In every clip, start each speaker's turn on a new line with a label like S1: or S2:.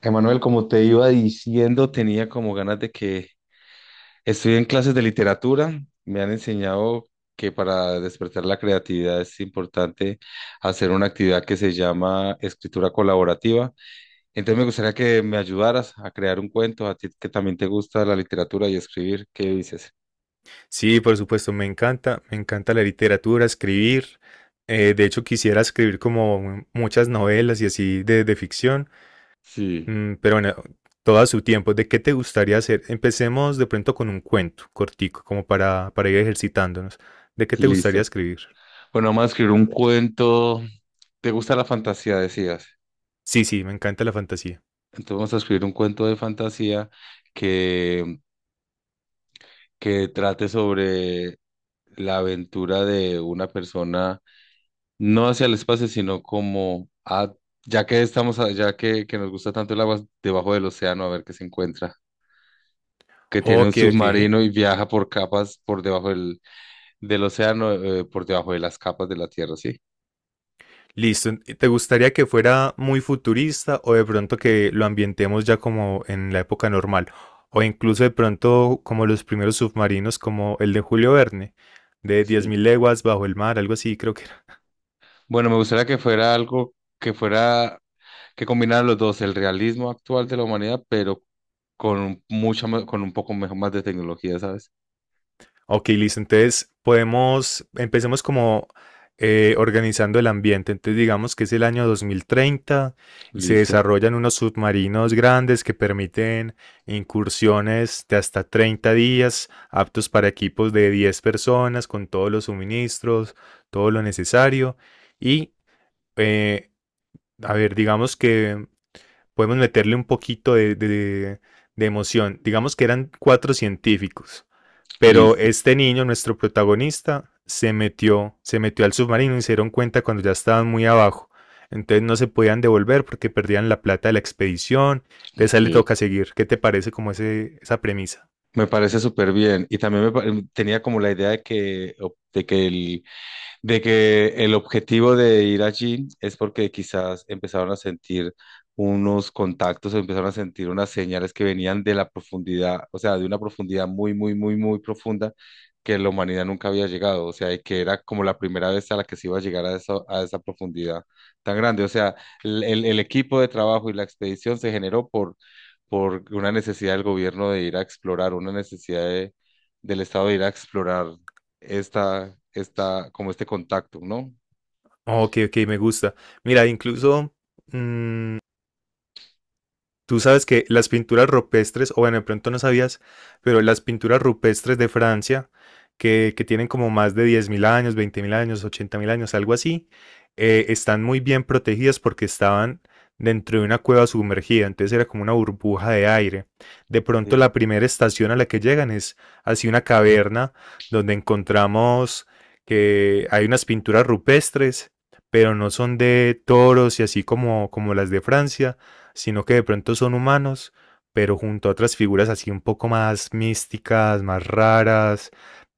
S1: Emanuel, como te iba diciendo, tenía como ganas de que estoy en clases de literatura. Me han enseñado que para despertar la creatividad es importante hacer una actividad que se llama escritura colaborativa. Entonces me gustaría que me ayudaras a crear un cuento, a ti que también te gusta la literatura y escribir. ¿Qué dices?
S2: Sí, por supuesto, me encanta la literatura, escribir. De hecho, quisiera escribir como muchas novelas y así de ficción.
S1: Sí,
S2: Pero bueno, todo a su tiempo. ¿De qué te gustaría hacer? Empecemos de pronto con un cuento cortico, como para ir ejercitándonos. ¿De qué te gustaría
S1: listo.
S2: escribir?
S1: Bueno, vamos a escribir un cuento. ¿Te gusta la fantasía, decías?
S2: Sí, sí, me encanta la fantasía.
S1: Entonces vamos a escribir un cuento de fantasía que, que trate sobre la aventura de una persona, no hacia el espacio, sino como a, ya que estamos, ya que nos gusta tanto el agua, debajo del océano, a ver qué se encuentra. Que tiene un
S2: Ok, ok.
S1: submarino y viaja por capas por debajo del océano, por debajo de las capas de la Tierra, ¿sí?
S2: Listo. ¿Y te gustaría que fuera muy futurista o de pronto que lo ambientemos ya como en la época normal? O incluso de pronto como los primeros submarinos, como el de Julio Verne, de diez
S1: Sí.
S2: mil leguas bajo el mar, algo así, creo que.
S1: Bueno, me gustaría que fuera algo que fuera, que combinara los dos, el realismo actual de la humanidad, pero con mucha, con un poco mejor, más de tecnología, ¿sabes?
S2: Ok, listo. Entonces podemos, empecemos como organizando el ambiente. Entonces digamos que es el año 2030 y se
S1: Listo,
S2: desarrollan unos submarinos grandes que permiten incursiones de hasta 30 días, aptos para equipos de 10 personas, con todos los suministros, todo lo necesario. Y, eh, a ver, digamos que podemos meterle un poquito de emoción. Digamos que eran cuatro científicos. Pero
S1: listo.
S2: este niño, nuestro protagonista, se metió al submarino y se dieron cuenta cuando ya estaban muy abajo. Entonces no se podían devolver porque perdían la plata de la expedición. Entonces a
S1: Ok.
S2: él le toca seguir. ¿Qué te parece como esa premisa?
S1: Me parece súper bien. Y también tenía como la idea de que, de que de que el objetivo de ir allí es porque quizás empezaron a sentir unos contactos o empezaron a sentir unas señales que venían de la profundidad, o sea, de una profundidad muy, muy, muy, muy profunda que la humanidad nunca había llegado, o sea, y que era como la primera vez a la que se iba a llegar a esa profundidad tan grande. O sea, el equipo de trabajo y la expedición se generó por una necesidad del gobierno de ir a explorar, una necesidad del Estado de ir a explorar esta, como este contacto, ¿no?
S2: Ok, ok, me gusta. Mira, incluso mmm, tú sabes que las pinturas rupestres, o bueno, de pronto no sabías, pero las pinturas rupestres de Francia, que tienen como más de 10.000 años, 20.000 años, 80.000 años, algo así, están muy bien protegidas porque estaban dentro de una cueva sumergida, entonces era como una burbuja de aire. De pronto
S1: Sí.
S2: la primera estación a la que llegan es así una caverna donde encontramos que hay unas pinturas rupestres, pero no son de toros y así como las de Francia, sino que de pronto son humanos, pero junto a otras figuras así un poco más místicas, más raras,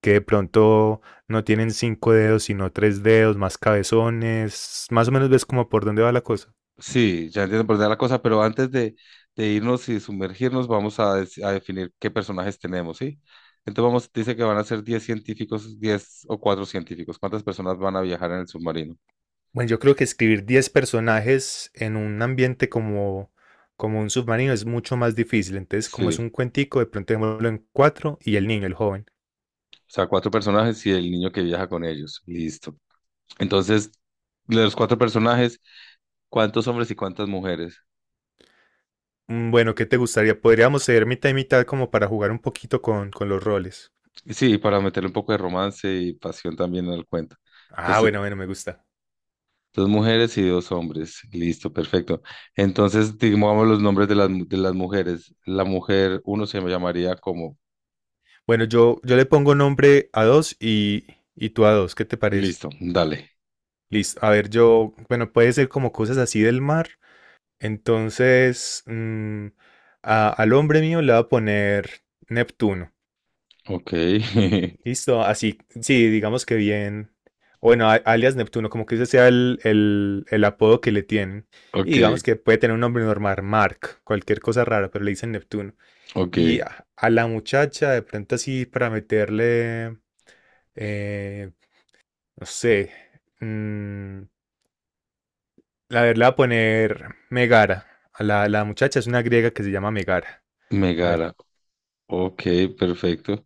S2: que de pronto no tienen cinco dedos, sino tres dedos, más cabezones. Más o menos ves como por dónde va la cosa.
S1: Sí, ya entiendo por dónde va la cosa, pero antes de irnos y sumergirnos, vamos a, a definir qué personajes tenemos, ¿sí? Entonces vamos, dice que van a ser 10 científicos, 10 o 4 científicos. ¿Cuántas personas van a viajar en el submarino?
S2: Bueno, yo creo que escribir 10 personajes en un ambiente como un submarino es mucho más difícil. Entonces, como es
S1: Sí,
S2: un cuentico, de pronto démoslo en cuatro y el niño, el joven.
S1: o sea, cuatro personajes y el niño que viaja con ellos. Listo. Entonces, de los cuatro personajes, ¿cuántos hombres y cuántas mujeres?
S2: Bueno, ¿qué te gustaría? Podríamos ser mitad y mitad como para jugar un poquito con los roles.
S1: Y sí, para meterle un poco de romance y pasión también en el cuento.
S2: Ah,
S1: Entonces,
S2: bueno, bueno, me gusta.
S1: dos mujeres y dos hombres. Listo, perfecto. Entonces, digamos los nombres de de las mujeres. La mujer, uno se llamaría como...
S2: Bueno, yo le pongo nombre a dos y tú a dos, ¿qué te parece?
S1: Listo, dale.
S2: Listo. A ver, yo, bueno, puede ser como cosas así del mar. Entonces, al hombre mío le voy a poner Neptuno.
S1: Ok,
S2: Listo, así, sí, digamos que bien. Bueno, alias Neptuno, como que ese sea el apodo que le tienen. Y
S1: ok,
S2: digamos que puede tener un nombre normal, Mark, cualquier cosa rara, pero le dicen Neptuno. Y
S1: ok.
S2: a la muchacha, de pronto así, para meterle, eh, no sé. mm, la verdad, voy a poner Megara. A la muchacha es una griega que se llama Megara. A ver,
S1: Megara. Ok, perfecto.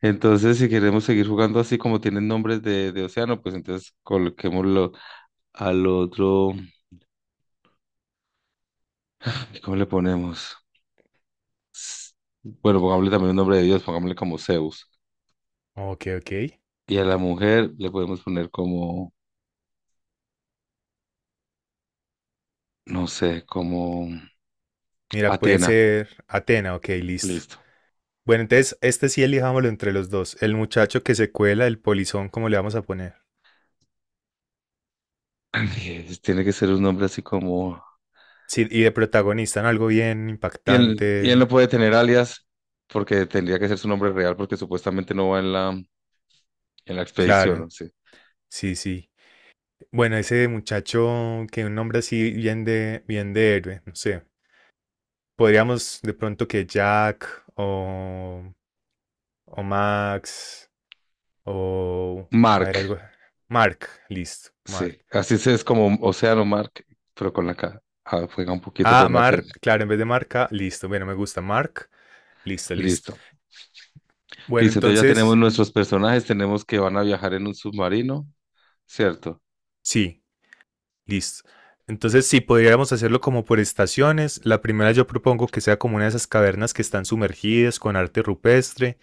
S1: Entonces, si queremos seguir jugando así como tienen nombres de océano, pues entonces coloquémoslo al otro. ¿Cómo le ponemos? S- Bueno, pongámosle también un nombre de Dios, pongámosle como Zeus.
S2: ok, ok.
S1: Y a la mujer le podemos poner como, no sé, como...
S2: Mira, puede
S1: Atena,
S2: ser Atena, ok, listo.
S1: listo.
S2: Bueno, entonces este sí elijámoslo entre los dos. El muchacho que se cuela, el polizón, ¿cómo le vamos a poner?
S1: Tiene que ser un nombre así como...
S2: Sí, y de protagonista en algo bien
S1: Y él
S2: impactante.
S1: no puede tener alias porque tendría que ser su nombre real porque supuestamente no va en en la expedición,
S2: Claro,
S1: ¿no? Sí.
S2: sí, sí. Bueno, ese muchacho que un nombre así bien de héroe, no sé. Podríamos de pronto que Jack o Max. O. A ver,
S1: Mark,
S2: algo. Mark. Listo. Mark.
S1: sí. Así se es como Océano Mark, pero con la K. Ah, juega un poquito
S2: Ah,
S1: con la T.
S2: Mark. Claro, en vez de marca, listo. Bueno, me gusta Mark. Listo, listo.
S1: Listo.
S2: Bueno,
S1: Listo, entonces ya tenemos
S2: entonces.
S1: nuestros personajes, tenemos que van a viajar en un submarino, ¿cierto?
S2: Sí, listo. Entonces, sí, podríamos hacerlo como por estaciones, la primera yo propongo que sea como una de esas cavernas que están sumergidas con arte rupestre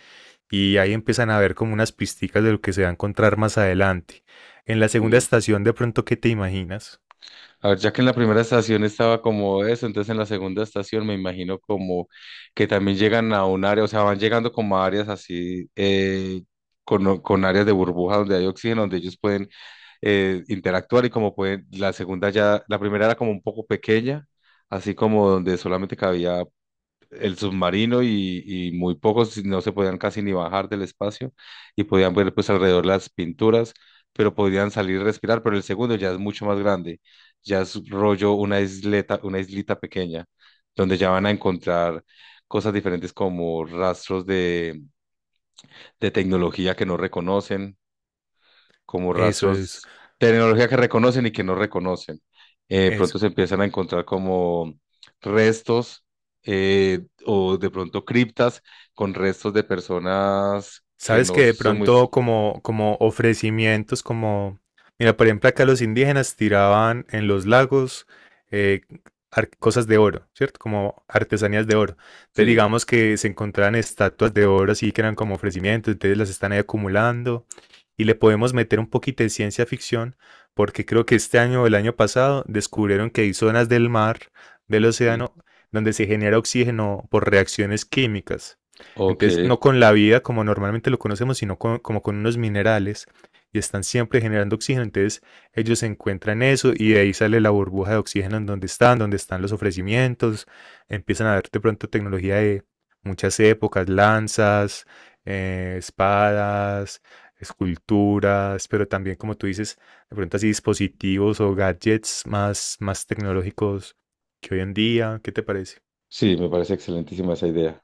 S2: y ahí empiezan a ver como unas pisticas de lo que se va a encontrar más adelante. En la segunda
S1: Sí.
S2: estación, de pronto, ¿qué te imaginas?
S1: A ver, ya que en la primera estación estaba como eso, entonces en la segunda estación me imagino como que también llegan a un área, o sea, van llegando como a áreas así, con áreas de burbuja donde hay oxígeno, donde ellos pueden interactuar y como pueden, la segunda ya, la primera era como un poco pequeña, así como donde solamente cabía el submarino y muy pocos no se podían casi ni bajar del espacio y podían ver pues alrededor las pinturas, pero podían salir y respirar, pero el segundo ya es mucho más grande, ya es rollo una isleta, una islita pequeña, donde ya van a encontrar cosas diferentes como rastros de tecnología que no reconocen como
S2: Eso es,
S1: rastros, tecnología que reconocen y que no reconocen.
S2: eso.
S1: Pronto se empiezan a encontrar como restos o de pronto criptas con restos de personas que
S2: Sabes
S1: no
S2: que de
S1: son muy...
S2: pronto como ofrecimientos, como, mira, por ejemplo, acá los indígenas tiraban en los lagos eh, cosas de oro, ¿cierto? Como artesanías de oro. Entonces
S1: Sí,
S2: digamos que se encontraban estatuas de oro así que eran como ofrecimientos, entonces las están ahí acumulando y le podemos meter un poquito de ciencia ficción porque creo que este año o el año pasado descubrieron que hay zonas del mar, del
S1: sí.
S2: océano, donde se genera oxígeno por reacciones químicas.
S1: Ok,
S2: Entonces, no con la vida como normalmente lo conocemos, sino como con unos minerales y están siempre generando oxígeno. Entonces, ellos encuentran eso y de ahí sale la burbuja de oxígeno en donde están los ofrecimientos. Empiezan a ver de pronto tecnología de muchas épocas, lanzas, espadas, esculturas, pero también, como tú dices, de pronto así dispositivos o gadgets más, más tecnológicos que hoy en día. ¿Qué te parece?
S1: sí, me parece excelentísima esa idea.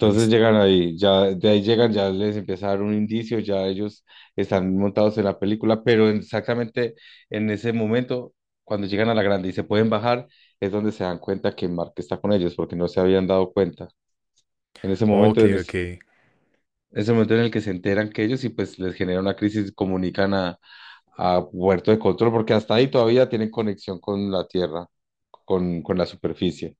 S2: Ah, listo.
S1: llegan ahí, ya de ahí llegan, ya les empieza a dar un indicio, ya ellos están montados en la película, pero exactamente en ese momento, cuando llegan a la grande y se pueden bajar, es donde se dan cuenta que Mark está con ellos, porque no se habían dado cuenta. En ese momento,
S2: Ok,
S1: en ese,
S2: ok.
S1: ese momento en el que se enteran que ellos y pues les genera una crisis, comunican a Puerto de Control, porque hasta ahí todavía tienen conexión con la Tierra, con la superficie.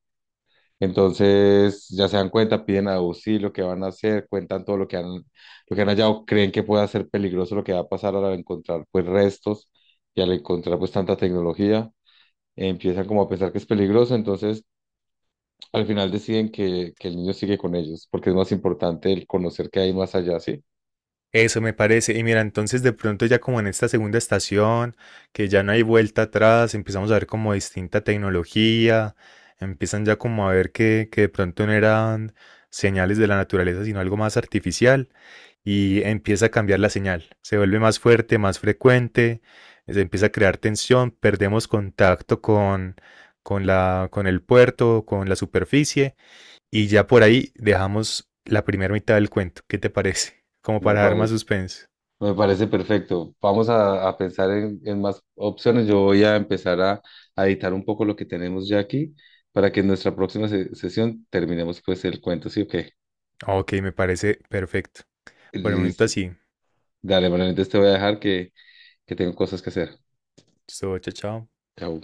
S1: Entonces ya se dan cuenta, piden auxilio, qué van a hacer, cuentan todo lo que han hallado, creen que puede ser peligroso lo que va a pasar al encontrar pues restos y al encontrar pues tanta tecnología, empiezan como a pensar que es peligroso, entonces al final deciden que el niño sigue con ellos, porque es más importante el conocer qué hay más allá, ¿sí?
S2: Eso me parece. Y mira, entonces de pronto ya como en esta segunda estación, que ya no hay vuelta atrás, empezamos a ver como distinta tecnología, empiezan ya como a ver que de pronto no eran señales de la naturaleza, sino algo más artificial, y empieza a cambiar la señal. Se vuelve más fuerte, más frecuente, se empieza a crear tensión, perdemos contacto con el puerto, con la superficie, y ya por ahí dejamos la primera mitad del cuento. ¿Qué te parece? Como
S1: Me
S2: para dar más
S1: parece.
S2: suspense.
S1: Me parece perfecto. Vamos a pensar en más opciones. Yo voy a empezar a editar un poco lo que tenemos ya aquí para que en nuestra próxima sesión terminemos pues el cuento. Sí, o qué
S2: Ok, me parece perfecto. Por el momento
S1: Listo.
S2: así.
S1: Dale, bueno, entonces te voy a dejar que tengo cosas que hacer.
S2: Esto, chao, chao.
S1: Chao.